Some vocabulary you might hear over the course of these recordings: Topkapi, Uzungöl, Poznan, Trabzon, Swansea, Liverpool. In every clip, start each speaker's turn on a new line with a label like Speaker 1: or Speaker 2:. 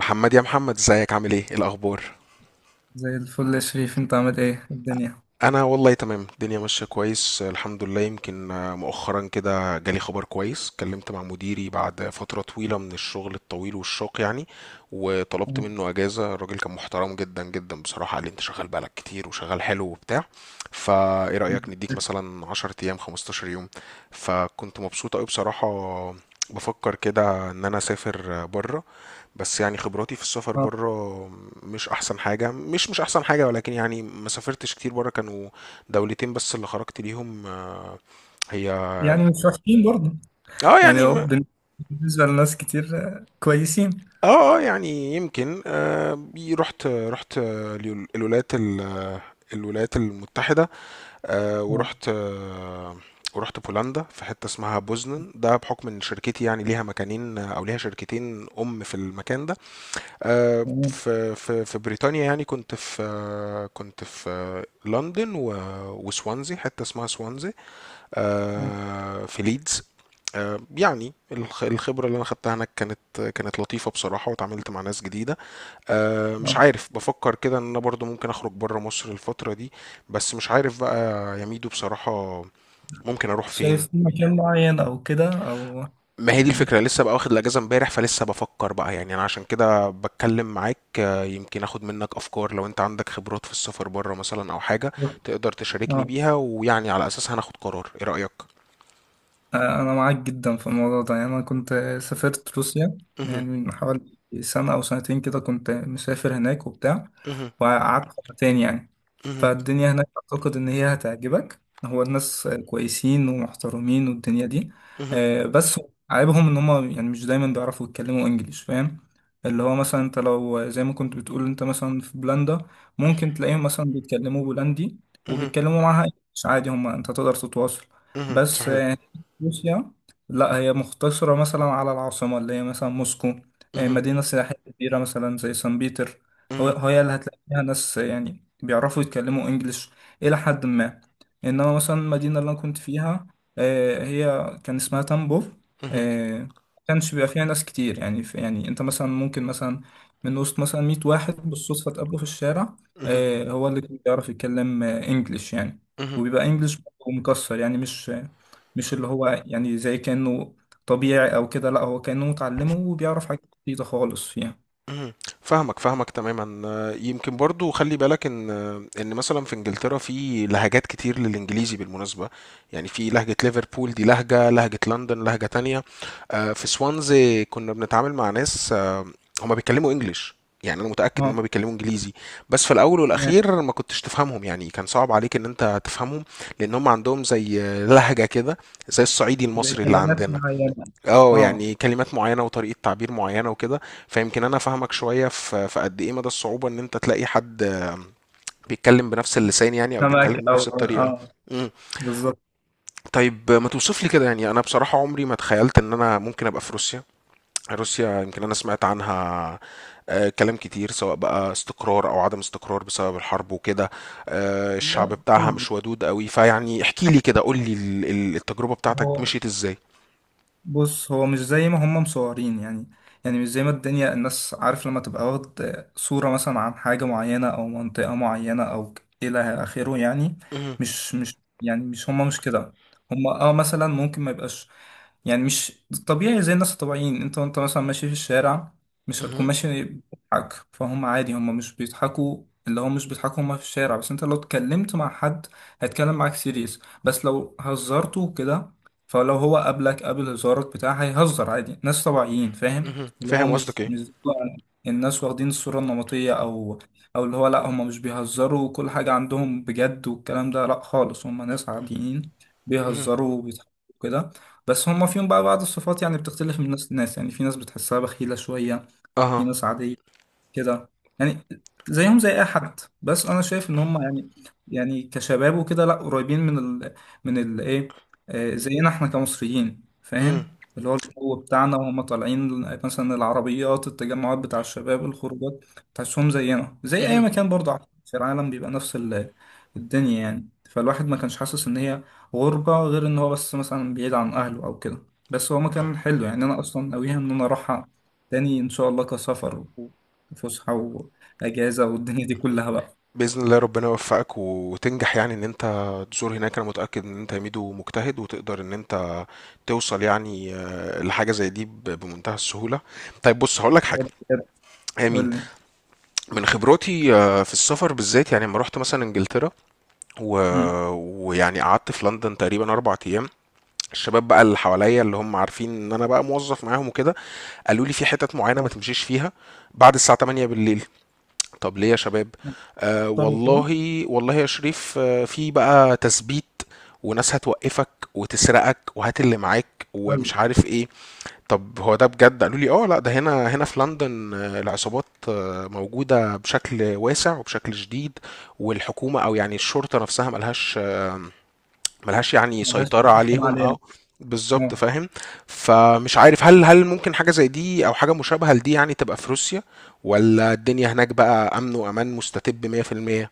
Speaker 1: محمد يا محمد ازيك عامل ايه إيه الاخبار؟
Speaker 2: زي الفل يا شريف، انت عامل ايه الدنيا؟
Speaker 1: انا والله تمام، الدنيا ماشيه كويس الحمد لله. يمكن مؤخرا كده جالي خبر كويس، اتكلمت مع مديري بعد فتره طويله من الشغل الطويل والشاق يعني، وطلبت منه اجازه. الراجل كان محترم جدا جدا بصراحه، قال لي انت شغال بقالك كتير وشغال حلو وبتاع، فايه رايك نديك مثلا 10 ايام 15 يوم. فكنت مبسوط قوي بصراحه، بفكر كده ان انا اسافر بره. بس يعني خبراتي في السفر
Speaker 2: اه،
Speaker 1: بره مش احسن حاجه، مش احسن حاجه، ولكن يعني ما سافرتش كتير بره، كانوا دولتين بس اللي خرجت ليهم. هي.
Speaker 2: يعني مش وحشين برضه.
Speaker 1: اه
Speaker 2: يعني
Speaker 1: يعني
Speaker 2: هو بن- بالنسبة لناس كتير، كويسين.
Speaker 1: يعني يمكن رحت الولايات المتحده.
Speaker 2: اه،
Speaker 1: ورحت. ورحت بولندا في حته اسمها بوزنن، ده بحكم ان شركتي يعني ليها مكانين او ليها شركتين. في المكان ده
Speaker 2: تمام.
Speaker 1: في بريطانيا، يعني كنت في لندن وسوانزي، حتة اسمها سوانزي.
Speaker 2: اه،
Speaker 1: في ليدز. يعني الخبرة اللي أنا خدتها هناك كانت لطيفة بصراحة، واتعاملت مع ناس جديدة. مش
Speaker 2: اه،
Speaker 1: عارف، بفكر كده إن أنا برضو ممكن أخرج برا مصر الفترة دي. بس مش عارف بقى يا ميدو بصراحة، ممكن أروح
Speaker 2: شايف
Speaker 1: فين؟
Speaker 2: في مكان معين او كده، او
Speaker 1: ما هي دي
Speaker 2: يعني
Speaker 1: الفكرة، لسه بقى واخد الأجازة امبارح، فلسه بفكر بقى، يعني أنا عشان كده بتكلم معاك. يمكن أخد منك أفكار، لو أنت عندك خبرات في السفر بره مثلا أو حاجة تقدر تشاركني
Speaker 2: اه؟
Speaker 1: بيها، ويعني على أساسها هناخد قرار. إيه رأيك؟
Speaker 2: أنا معاك جدا في الموضوع ده، يعني أنا كنت سافرت روسيا
Speaker 1: مهم.
Speaker 2: يعني من حوالي سنة أو سنتين كده، كنت مسافر هناك وبتاع.
Speaker 1: مهم.
Speaker 2: وقعدت سنتين يعني،
Speaker 1: مهم.
Speaker 2: فالدنيا هناك أعتقد إن هي هتعجبك. هو الناس كويسين ومحترمين والدنيا دي،
Speaker 1: مهم.
Speaker 2: بس عيبهم إن هما يعني مش دايما بيعرفوا يتكلموا إنجليش، فاهم؟ اللي هو مثلا أنت لو زي ما كنت بتقول أنت مثلا في بولندا، ممكن تلاقيهم مثلا بيتكلموا بولندي،
Speaker 1: مهم.
Speaker 2: وبيتكلموا معاها إنجليش عادي، هما أنت تقدر تتواصل.
Speaker 1: مهم.
Speaker 2: بس
Speaker 1: صحيح.
Speaker 2: روسيا لا، هي مختصرة مثلا على العاصمة اللي هي مثلا موسكو،
Speaker 1: مهم.
Speaker 2: مدينة سياحية كبيرة مثلا زي سان بيتر. هو
Speaker 1: مهم.
Speaker 2: هي اللي هتلاقي فيها ناس يعني بيعرفوا يتكلموا انجليش إلى حد ما. إنما مثلا المدينة اللي أنا كنت فيها، هي كان اسمها تامبوف.
Speaker 1: مهم.
Speaker 2: ما كانش بيبقى فيها ناس كتير يعني، في يعني أنت مثلا ممكن مثلا من وسط مثلا 100 واحد بالصدفة تقابله في الشارع،
Speaker 1: مهم.
Speaker 2: هو اللي كان بيعرف يتكلم انجليش يعني.
Speaker 1: مهم.
Speaker 2: وبيبقى انجليش مكسر يعني، مش اللي هو يعني زي كأنه طبيعي أو كده، لأ، هو كأنه متعلمه وبيعرف حاجات جديدة خالص فيها.
Speaker 1: اهم، فاهمك تمامًا. يمكن برضه خلّي بالك إن، إن مثلًا في إنجلترا في لهجات كتير للإنجليزي بالمناسبة، يعني في لهجة ليفربول دي لهجة، لهجة لندن لهجة تانية. في سوانزي كُنّا بنتعامل مع ناس هُم بيتكلموا English، يعني أنا متأكد إن
Speaker 2: اه،
Speaker 1: هُم بيتكلموا إنجليزي، بس في الأول
Speaker 2: تمام.
Speaker 1: والأخير ما كنتش تفهمهم، يعني كان صعب عليك إن أنت تفهمهم، لإن هُم عندهم زي لهجة كده، زي الصعيدي
Speaker 2: زي
Speaker 1: المصري اللي
Speaker 2: كلمات
Speaker 1: عندنا.
Speaker 2: معينة.
Speaker 1: اه
Speaker 2: اه.
Speaker 1: يعني كلمات معينة وطريقة تعبير معينة وكده. فيمكن انا فاهمك شوية في قد ايه مدى الصعوبة ان انت تلاقي حد بيتكلم بنفس اللسان يعني، او بيتكلم
Speaker 2: سمك أو
Speaker 1: بنفس الطريقة.
Speaker 2: اه.
Speaker 1: مم.
Speaker 2: بالظبط.
Speaker 1: طيب ما توصف لي كده، يعني انا بصراحة عمري ما تخيلت ان انا ممكن ابقى في روسيا. روسيا يمكن انا سمعت عنها كلام كتير، سواء بقى استقرار او عدم استقرار بسبب الحرب وكده، الشعب
Speaker 2: لا
Speaker 1: بتاعها
Speaker 2: خالص،
Speaker 1: مش ودود قوي، فيعني احكي لي كده، قول لي التجربة بتاعتك
Speaker 2: هو
Speaker 1: مشيت ازاي؟
Speaker 2: بص، هو مش زي ما هم مصورين يعني، يعني مش زي ما الدنيا، الناس عارف لما تبقى واخد صورة مثلا عن حاجة معينة أو منطقة معينة أو إلى آخره يعني.
Speaker 1: مهم.
Speaker 2: مش هم مش كده. هم اه مثلا ممكن ما يبقاش، يعني مش طبيعي زي الناس الطبيعيين. انت وانت مثلا ماشي في الشارع، مش هتكون
Speaker 1: مهم.
Speaker 2: ماشي بتضحك، فهم عادي هم مش بيضحكوا، اللي هو مش بيضحكوا هم في الشارع. بس انت لو اتكلمت مع حد هيتكلم معاك سيريس، بس لو هزرته كده، فلو هو قابلك قابل هزارك بتاع، هيهزر عادي، ناس طبيعيين فاهم.
Speaker 1: مهم.
Speaker 2: اللي هو
Speaker 1: فاهم
Speaker 2: مش
Speaker 1: قصدك.
Speaker 2: مش زي بقى الناس واخدين الصورة النمطية او او اللي هو لا، هم مش بيهزروا وكل حاجة عندهم بجد والكلام ده، لا خالص. هم ناس عاديين
Speaker 1: ايه.
Speaker 2: بيهزروا وبيضحكوا كده. بس هم فيهم بقى بعض الصفات يعني بتختلف من ناس لناس. يعني في ناس بتحسها بخيلة شوية، في
Speaker 1: أها.
Speaker 2: ناس عادية كده، يعني زيهم زي اي حد. بس انا شايف ان هم يعني، يعني كشباب وكده لا، قريبين من ال من ال ايه زينا احنا كمصريين،
Speaker 1: إمم.
Speaker 2: فاهم اللي هو الجو بتاعنا. وهم طالعين مثلا العربيات، التجمعات بتاع الشباب، الخروجات، تحسهم زينا زي اي
Speaker 1: اهم.
Speaker 2: مكان برضه على فكرة في العالم، بيبقى نفس الدنيا يعني. فالواحد ما كانش حاسس ان هي غربة، غير ان هو بس مثلا بعيد عن اهله او كده. بس هو مكان حلو يعني، انا اصلا ناويها ان انا اروحها تاني ان شاء الله، كسفر، فسحة، وأجازة والدنيا دي كلها بقى.
Speaker 1: بإذن الله ربنا يوفقك وتنجح، يعني إن أنت تزور هناك، أنا متأكد إن أنت ميدو مجتهد، وتقدر إن أنت توصل يعني لحاجة زي دي بمنتهى السهولة. طيب بُص هاقول لك
Speaker 2: يا
Speaker 1: حاجة،
Speaker 2: رب كده.
Speaker 1: هي مين؟
Speaker 2: قول لي.
Speaker 1: من خبراتي في السفر بالذات، يعني أمّا رُحت مثلًا إنجلترا و
Speaker 2: مم.
Speaker 1: ويعني قعدت في لندن تقريبًا 4 أيام، الشباب بقى اللي حواليّا اللي هم عارفين إن أنا بقى موظف معاهم وكده، قالوا لي في حِتَت معيّنة ما
Speaker 2: آه.
Speaker 1: تمشيش فيها بعد الساعة 20:00 بالليل. طب ليه يا شباب؟
Speaker 2: اختار وكده.
Speaker 1: والله والله يا شريف، في بقى تثبيت، وناس هتوقفك وتسرقك وهات اللي معاك
Speaker 2: طيب.
Speaker 1: ومش عارف ايه. طب هو ده بجد؟ قالوا لي اه لا، ده هنا. في لندن العصابات موجودة بشكل واسع وبشكل شديد، والحكومة او يعني الشرطة نفسها ملهاش، يعني
Speaker 2: ملهاش
Speaker 1: سيطرة
Speaker 2: تحكم
Speaker 1: عليهم.
Speaker 2: عليها.
Speaker 1: اه بالظبط
Speaker 2: اه،
Speaker 1: فاهم. فمش عارف هل ممكن حاجة زي دي او حاجة مشابهة لدي يعني تبقى في روسيا، ولا الدنيا هناك بقى امن وامان مستتب 100%؟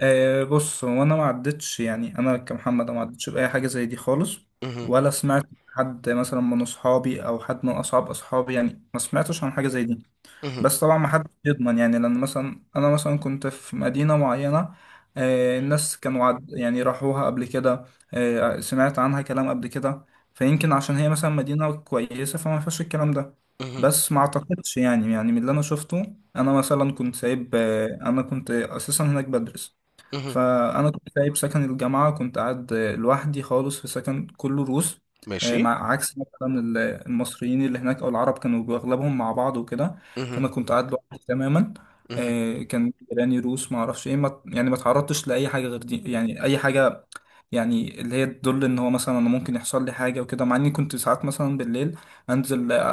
Speaker 2: بص، هو انا ما عدتش يعني، انا كمحمد، أنا ما عدتش باي حاجه زي دي خالص،
Speaker 1: مهم.
Speaker 2: ولا سمعت حد مثلا من اصحابي او حد من اصحاب اصحابي يعني، ما سمعتش عن حاجه زي دي.
Speaker 1: مهم.
Speaker 2: بس طبعا ما حدش يضمن يعني، لان مثلا انا مثلا كنت في مدينه معينه، الناس كانوا عد يعني راحوها قبل كده، سمعت عنها كلام قبل كده، فيمكن عشان هي مثلا مدينه كويسه فما فيهاش الكلام ده.
Speaker 1: مهم.
Speaker 2: بس ما اعتقدش يعني، يعني من اللي انا شفته، انا مثلا كنت سايب انا كنت اساسا هناك بدرس،
Speaker 1: مهم.
Speaker 2: فانا كنت سايب سكن الجامعه، كنت قاعد لوحدي خالص في سكن كله روس،
Speaker 1: ماشي.
Speaker 2: مع عكس مثلا المصريين اللي هناك او العرب، كانوا اغلبهم مع بعض وكده.
Speaker 1: مهم.
Speaker 2: فانا كنت قاعد لوحدي تماما،
Speaker 1: مهم.
Speaker 2: كان جيراني روس، ما اعرفش ايه، ما يعني ما تعرضتش لاي حاجه غير دي يعني، اي حاجه يعني اللي هي تدل ان هو مثلا انا ممكن يحصل لي حاجه وكده. مع اني كنت ساعات مثلا بالليل انزل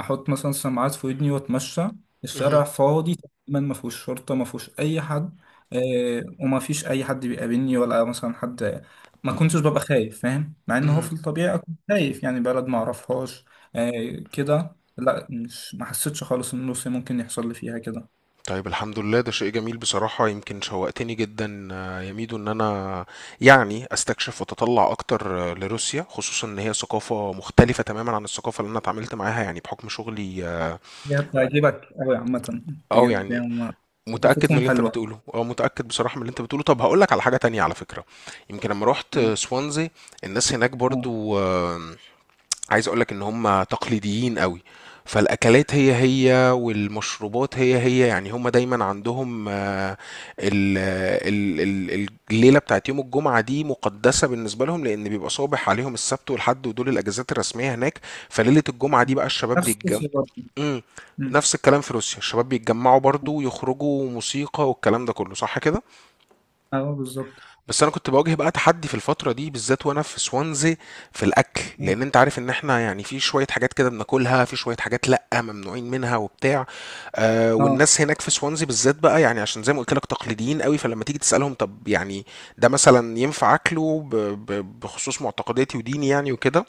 Speaker 2: احط مثلا سماعات في ودني واتمشى،
Speaker 1: مهم.
Speaker 2: الشارع فاضي تماما، ما فيهوش شرطه، ما فيهوش اي حد، وما فيش اي حد بيقابلني ولا مثلا حد، ما كنتش ببقى خايف فاهم، مع ان هو
Speaker 1: مهم.
Speaker 2: في الطبيعي اكون خايف يعني بلد ما اعرفهاش. كده لا، مش، ما حسيتش خالص ان روسيا ممكن يحصل لي فيها كده.
Speaker 1: طيب الحمد لله، ده شيء جميل بصراحة. يمكن شوقتني جدا يا ميدو ان انا يعني استكشف واتطلع اكتر لروسيا، خصوصا ان هي ثقافة مختلفة تماما عن الثقافة اللي انا اتعاملت معاها يعني بحكم شغلي.
Speaker 2: هي بتعجبك قوي عامه، بجد
Speaker 1: يعني
Speaker 2: يعني، هما
Speaker 1: متأكد من
Speaker 2: ثقافتهم
Speaker 1: اللي انت
Speaker 2: حلوه.
Speaker 1: بتقوله، متأكد بصراحة من اللي انت بتقوله. طب هقول لك على حاجة تانية على فكرة. يمكن لما رحت سوانزي، الناس هناك
Speaker 2: آه.
Speaker 1: برضو عايز اقول لك ان هم تقليديين قوي. فالأكلات هي هي والمشروبات هي هي، يعني هم دايما عندهم ال- ال- الليلة بتاعت يوم الجمعة دي مقدسة بالنسبة لهم، لأن بيبقى صابح عليهم السبت والحد ودول الأجازات الرسمية هناك. فليلة الجمعة دي بقى الشباب
Speaker 2: نفس
Speaker 1: بيتجمعوا.
Speaker 2: روسيا برضه.
Speaker 1: امم.
Speaker 2: مم.
Speaker 1: نفس الكلام في روسيا، الشباب بيتجمعوا برضو ويخرجوا موسيقى والكلام ده كله، صح كده؟
Speaker 2: اه، بالظبط.
Speaker 1: بس انا كنت بواجه بقى تحدي في الفتره دي بالذات وانا في سوانزي في الاكل،
Speaker 2: اه.
Speaker 1: لان انت عارف ان احنا يعني في شويه حاجات كده بناكلها، في شويه حاجات لا ممنوعين منها وبتاع.
Speaker 2: آه.
Speaker 1: والناس هناك في سوانزي بالذات بقى يعني، عشان زي ما قلت لك تقليديين قوي، فلما تيجي تسالهم طب يعني ده مثلا ينفع اكله بخصوص معتقداتي وديني يعني وكده،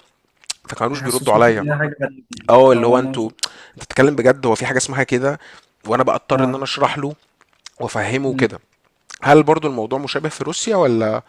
Speaker 1: فكانوش بيردوا
Speaker 2: يحسسوك
Speaker 1: عليا.
Speaker 2: ان هي حاجه غريبه يعني،
Speaker 1: اه اللي
Speaker 2: او
Speaker 1: هو
Speaker 2: هما
Speaker 1: انتوا،
Speaker 2: مش-
Speaker 1: انت بتتكلم بجد؟ هو في حاجه اسمها كده؟ وانا بقى اضطر ان
Speaker 2: اه.
Speaker 1: انا اشرح له وافهمه كده.
Speaker 2: مم.
Speaker 1: هل برضو الموضوع مشابه في روسيا ولا؟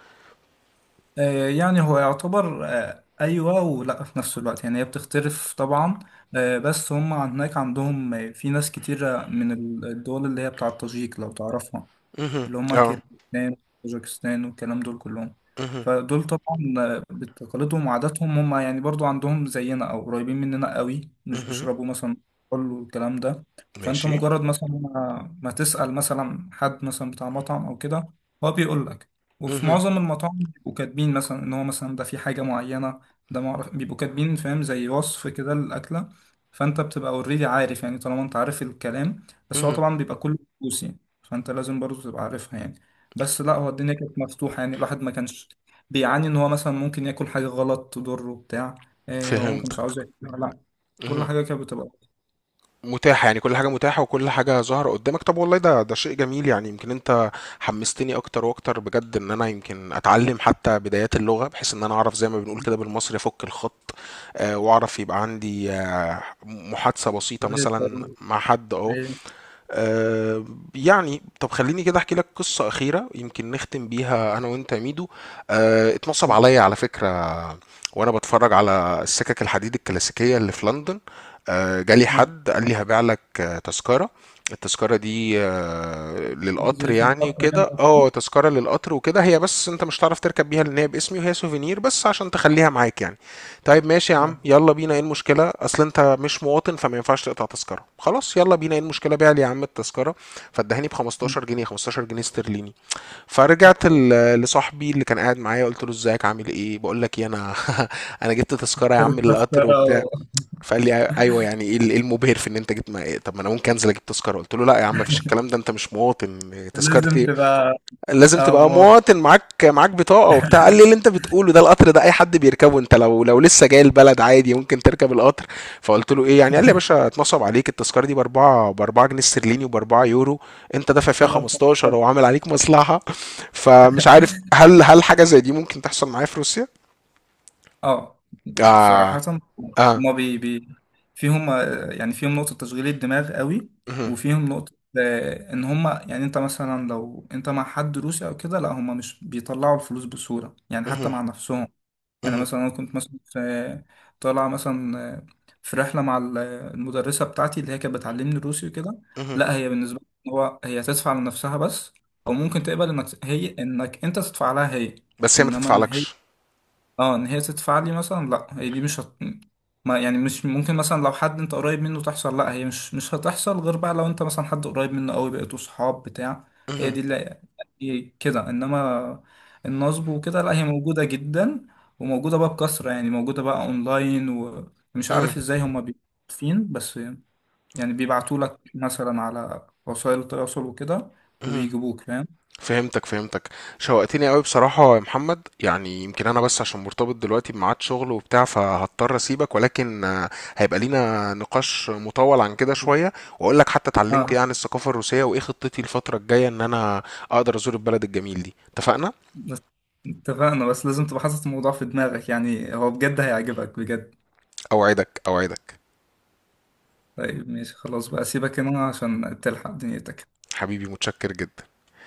Speaker 2: يعني هو يعتبر أيوة، ولا في نفس الوقت يعني هي بتختلف طبعا. بس هم هناك عندهم في ناس كتيرة من الدول اللي هي بتاعة تاجيك لو تعرفها،
Speaker 1: مهم.
Speaker 2: اللي هما
Speaker 1: اه.
Speaker 2: كيرغيزستان، طاجيكستان والكلام دول كلهم.
Speaker 1: مهم.
Speaker 2: فدول طبعا بتقاليدهم وعاداتهم هما يعني برضو عندهم زينا أو قريبين مننا قوي، مش
Speaker 1: مهم.
Speaker 2: بيشربوا مثلا كحول والكلام ده. فأنت
Speaker 1: ماشي.
Speaker 2: مجرد مثلا ما تسأل مثلا حد مثلا بتاع مطعم أو كده، هو بيقول لك. وفي
Speaker 1: مهم.
Speaker 2: معظم المطاعم بيبقوا كاتبين مثلا إن هو مثلا ده في حاجة معينة، ده معرف، بيبقوا كاتبين فاهم، زي وصف كده للأكلة. فأنت بتبقى اوريدي عارف يعني، طالما أنت عارف الكلام، بس هو
Speaker 1: مهم.
Speaker 2: طبعا بيبقى كله فلوس يعني. فانت لازم برضه تبقى عارفها يعني. بس لا، هو الدنيا كانت مفتوحة يعني، الواحد ما كانش بيعاني ان هو مثلا ممكن ياكل حاجة غلط تضره بتاع، إيه، هو ما كانش
Speaker 1: فهمتك.
Speaker 2: عاوز ياكلها لا، كل حاجة كانت بتبقى.
Speaker 1: متاحة يعني، كل حاجة متاحة وكل حاجة ظاهرة قدامك. طب والله ده شيء جميل يعني. يمكن انت حمستني اكتر واكتر بجد، ان انا يمكن اتعلم حتى بدايات اللغة، بحيث ان انا اعرف زي ما بنقول كده بالمصري افك الخط. واعرف يبقى عندي محادثة بسيطة
Speaker 2: طريقة
Speaker 1: مثلا
Speaker 2: برضه.
Speaker 1: مع حد. اه
Speaker 2: إيه.
Speaker 1: آه، يعني طب خليني كده احكي لك قصة أخيرة يمكن نختم بيها أنا وأنت يا ميدو. اتنصب عليا على فكرة وأنا بتفرج على السكك الحديد الكلاسيكية اللي في لندن. جالي
Speaker 2: آه.
Speaker 1: حد قال لي هبيع لك تذكرة. التذكرة دي للقطر
Speaker 2: زي في
Speaker 1: يعني
Speaker 2: المحطة يعني.
Speaker 1: وكده. اه تذكرة للقطر وكده، هي بس انت مش هتعرف تركب بيها لان هي باسمي، وهي سوفينير بس عشان تخليها معاك يعني. طيب ماشي يا
Speaker 2: آه.
Speaker 1: عم، يلا بينا، ايه المشكلة؟ اصل انت مش مواطن فما ينفعش تقطع تذكرة. خلاص يلا بينا، ايه المشكلة؟ بيع لي يا عم التذكرة. فادهاني ب 15 جنيه، 15 جنيه استرليني. فرجعت لصاحبي اللي كان قاعد معايا قلت له ازيك عامل ايه؟ بقول لك ايه انا، انا جبت تذكرة يا عم للقطر وبتاع.
Speaker 2: التذكرة.
Speaker 1: فقال لي ايوه، يعني ايه، إيه المبهر في ان انت جبت؟ ما إيه؟ طب ما انا ممكن انزل اجيب تذكرة. قلت له لا يا عم، مفيش الكلام ده، انت مش مواطن، تذكرة
Speaker 2: لازم
Speaker 1: ايه؟
Speaker 2: تبقى.
Speaker 1: لازم تبقى
Speaker 2: أمور.
Speaker 1: مواطن، معاك بطاقة وبتاع. قال لي اللي انت بتقوله ده، القطر ده اي حد بيركبه، انت لو لسه جاي البلد عادي ممكن تركب القطر. فقلت له ايه يعني؟ قال لي يا باشا اتنصب عليك، التذكرة دي باربعة جنيه استرليني وباربعة يورو، انت دافع فيها 15 وعامل عليك مصلحة. فمش عارف هل حاجة زي دي ممكن تحصل معايا في روسيا؟
Speaker 2: اه. صراحة،
Speaker 1: اه اه.
Speaker 2: هما بي بي فيهم يعني فيهم نقطة تشغيل الدماغ قوي،
Speaker 1: مهم.
Speaker 2: وفيهم نقطة إن هما يعني أنت مثلا لو أنت مع حد روسي أو كده، لا هما مش بيطلعوا الفلوس بسهولة يعني حتى
Speaker 1: مهم.
Speaker 2: مع نفسهم. يعني
Speaker 1: مهم.
Speaker 2: مثلا أنا كنت مثلا في، طالع مثلا في رحلة مع المدرسة بتاعتي اللي هي كانت بتعلمني روسي وكده،
Speaker 1: مهم.
Speaker 2: لا هي بالنسبة لي هو، هي تدفع لنفسها بس، أو ممكن تقبل إنك هي إنك أنت تدفع لها هي،
Speaker 1: بس هي ما
Speaker 2: إنما إن هي،
Speaker 1: تدفعلكش.
Speaker 2: اه، ان هي تدفع لي مثلا لا، هي دي مش هت... ما يعني مش ممكن مثلا لو حد انت قريب منه تحصل لا، هي مش هتحصل غير بقى لو انت مثلا حد قريب منه قوي، بقيتوا صحاب بتاع، هي
Speaker 1: مهم.
Speaker 2: دي اللي هي كده. انما النصب وكده لا، هي موجودة جدا وموجودة بقى بكثرة يعني، موجودة بقى اونلاين ومش
Speaker 1: مهم.
Speaker 2: عارف ازاي هما بيفين. بس يعني بيبعتوا لك مثلا على وسائل التواصل وكده
Speaker 1: مهم.
Speaker 2: وبيجيبوك فاهم.
Speaker 1: فهمتك فهمتك. شوقتني قوي بصراحة يا محمد، يعني يمكن أنا بس عشان مرتبط دلوقتي بميعاد شغل وبتاع فهضطر أسيبك، ولكن هيبقى لينا نقاش مطول عن كده شوية، وأقول لك حتى اتعلمت إيه
Speaker 2: اه
Speaker 1: عن الثقافة الروسية، وإيه خطتي الفترة الجاية إن أنا أقدر أزور البلد الجميل دي. اتفقنا؟
Speaker 2: بس، اتفقنا، بس لازم تبقى حاطط الموضوع في دماغك يعني، هو بجد هيعجبك بجد.
Speaker 1: أوعدك أوعدك.
Speaker 2: طيب ماشي، خلاص بقى سيبك هنا عشان تلحق دنيتك.
Speaker 1: حبيبي متشكر جدا.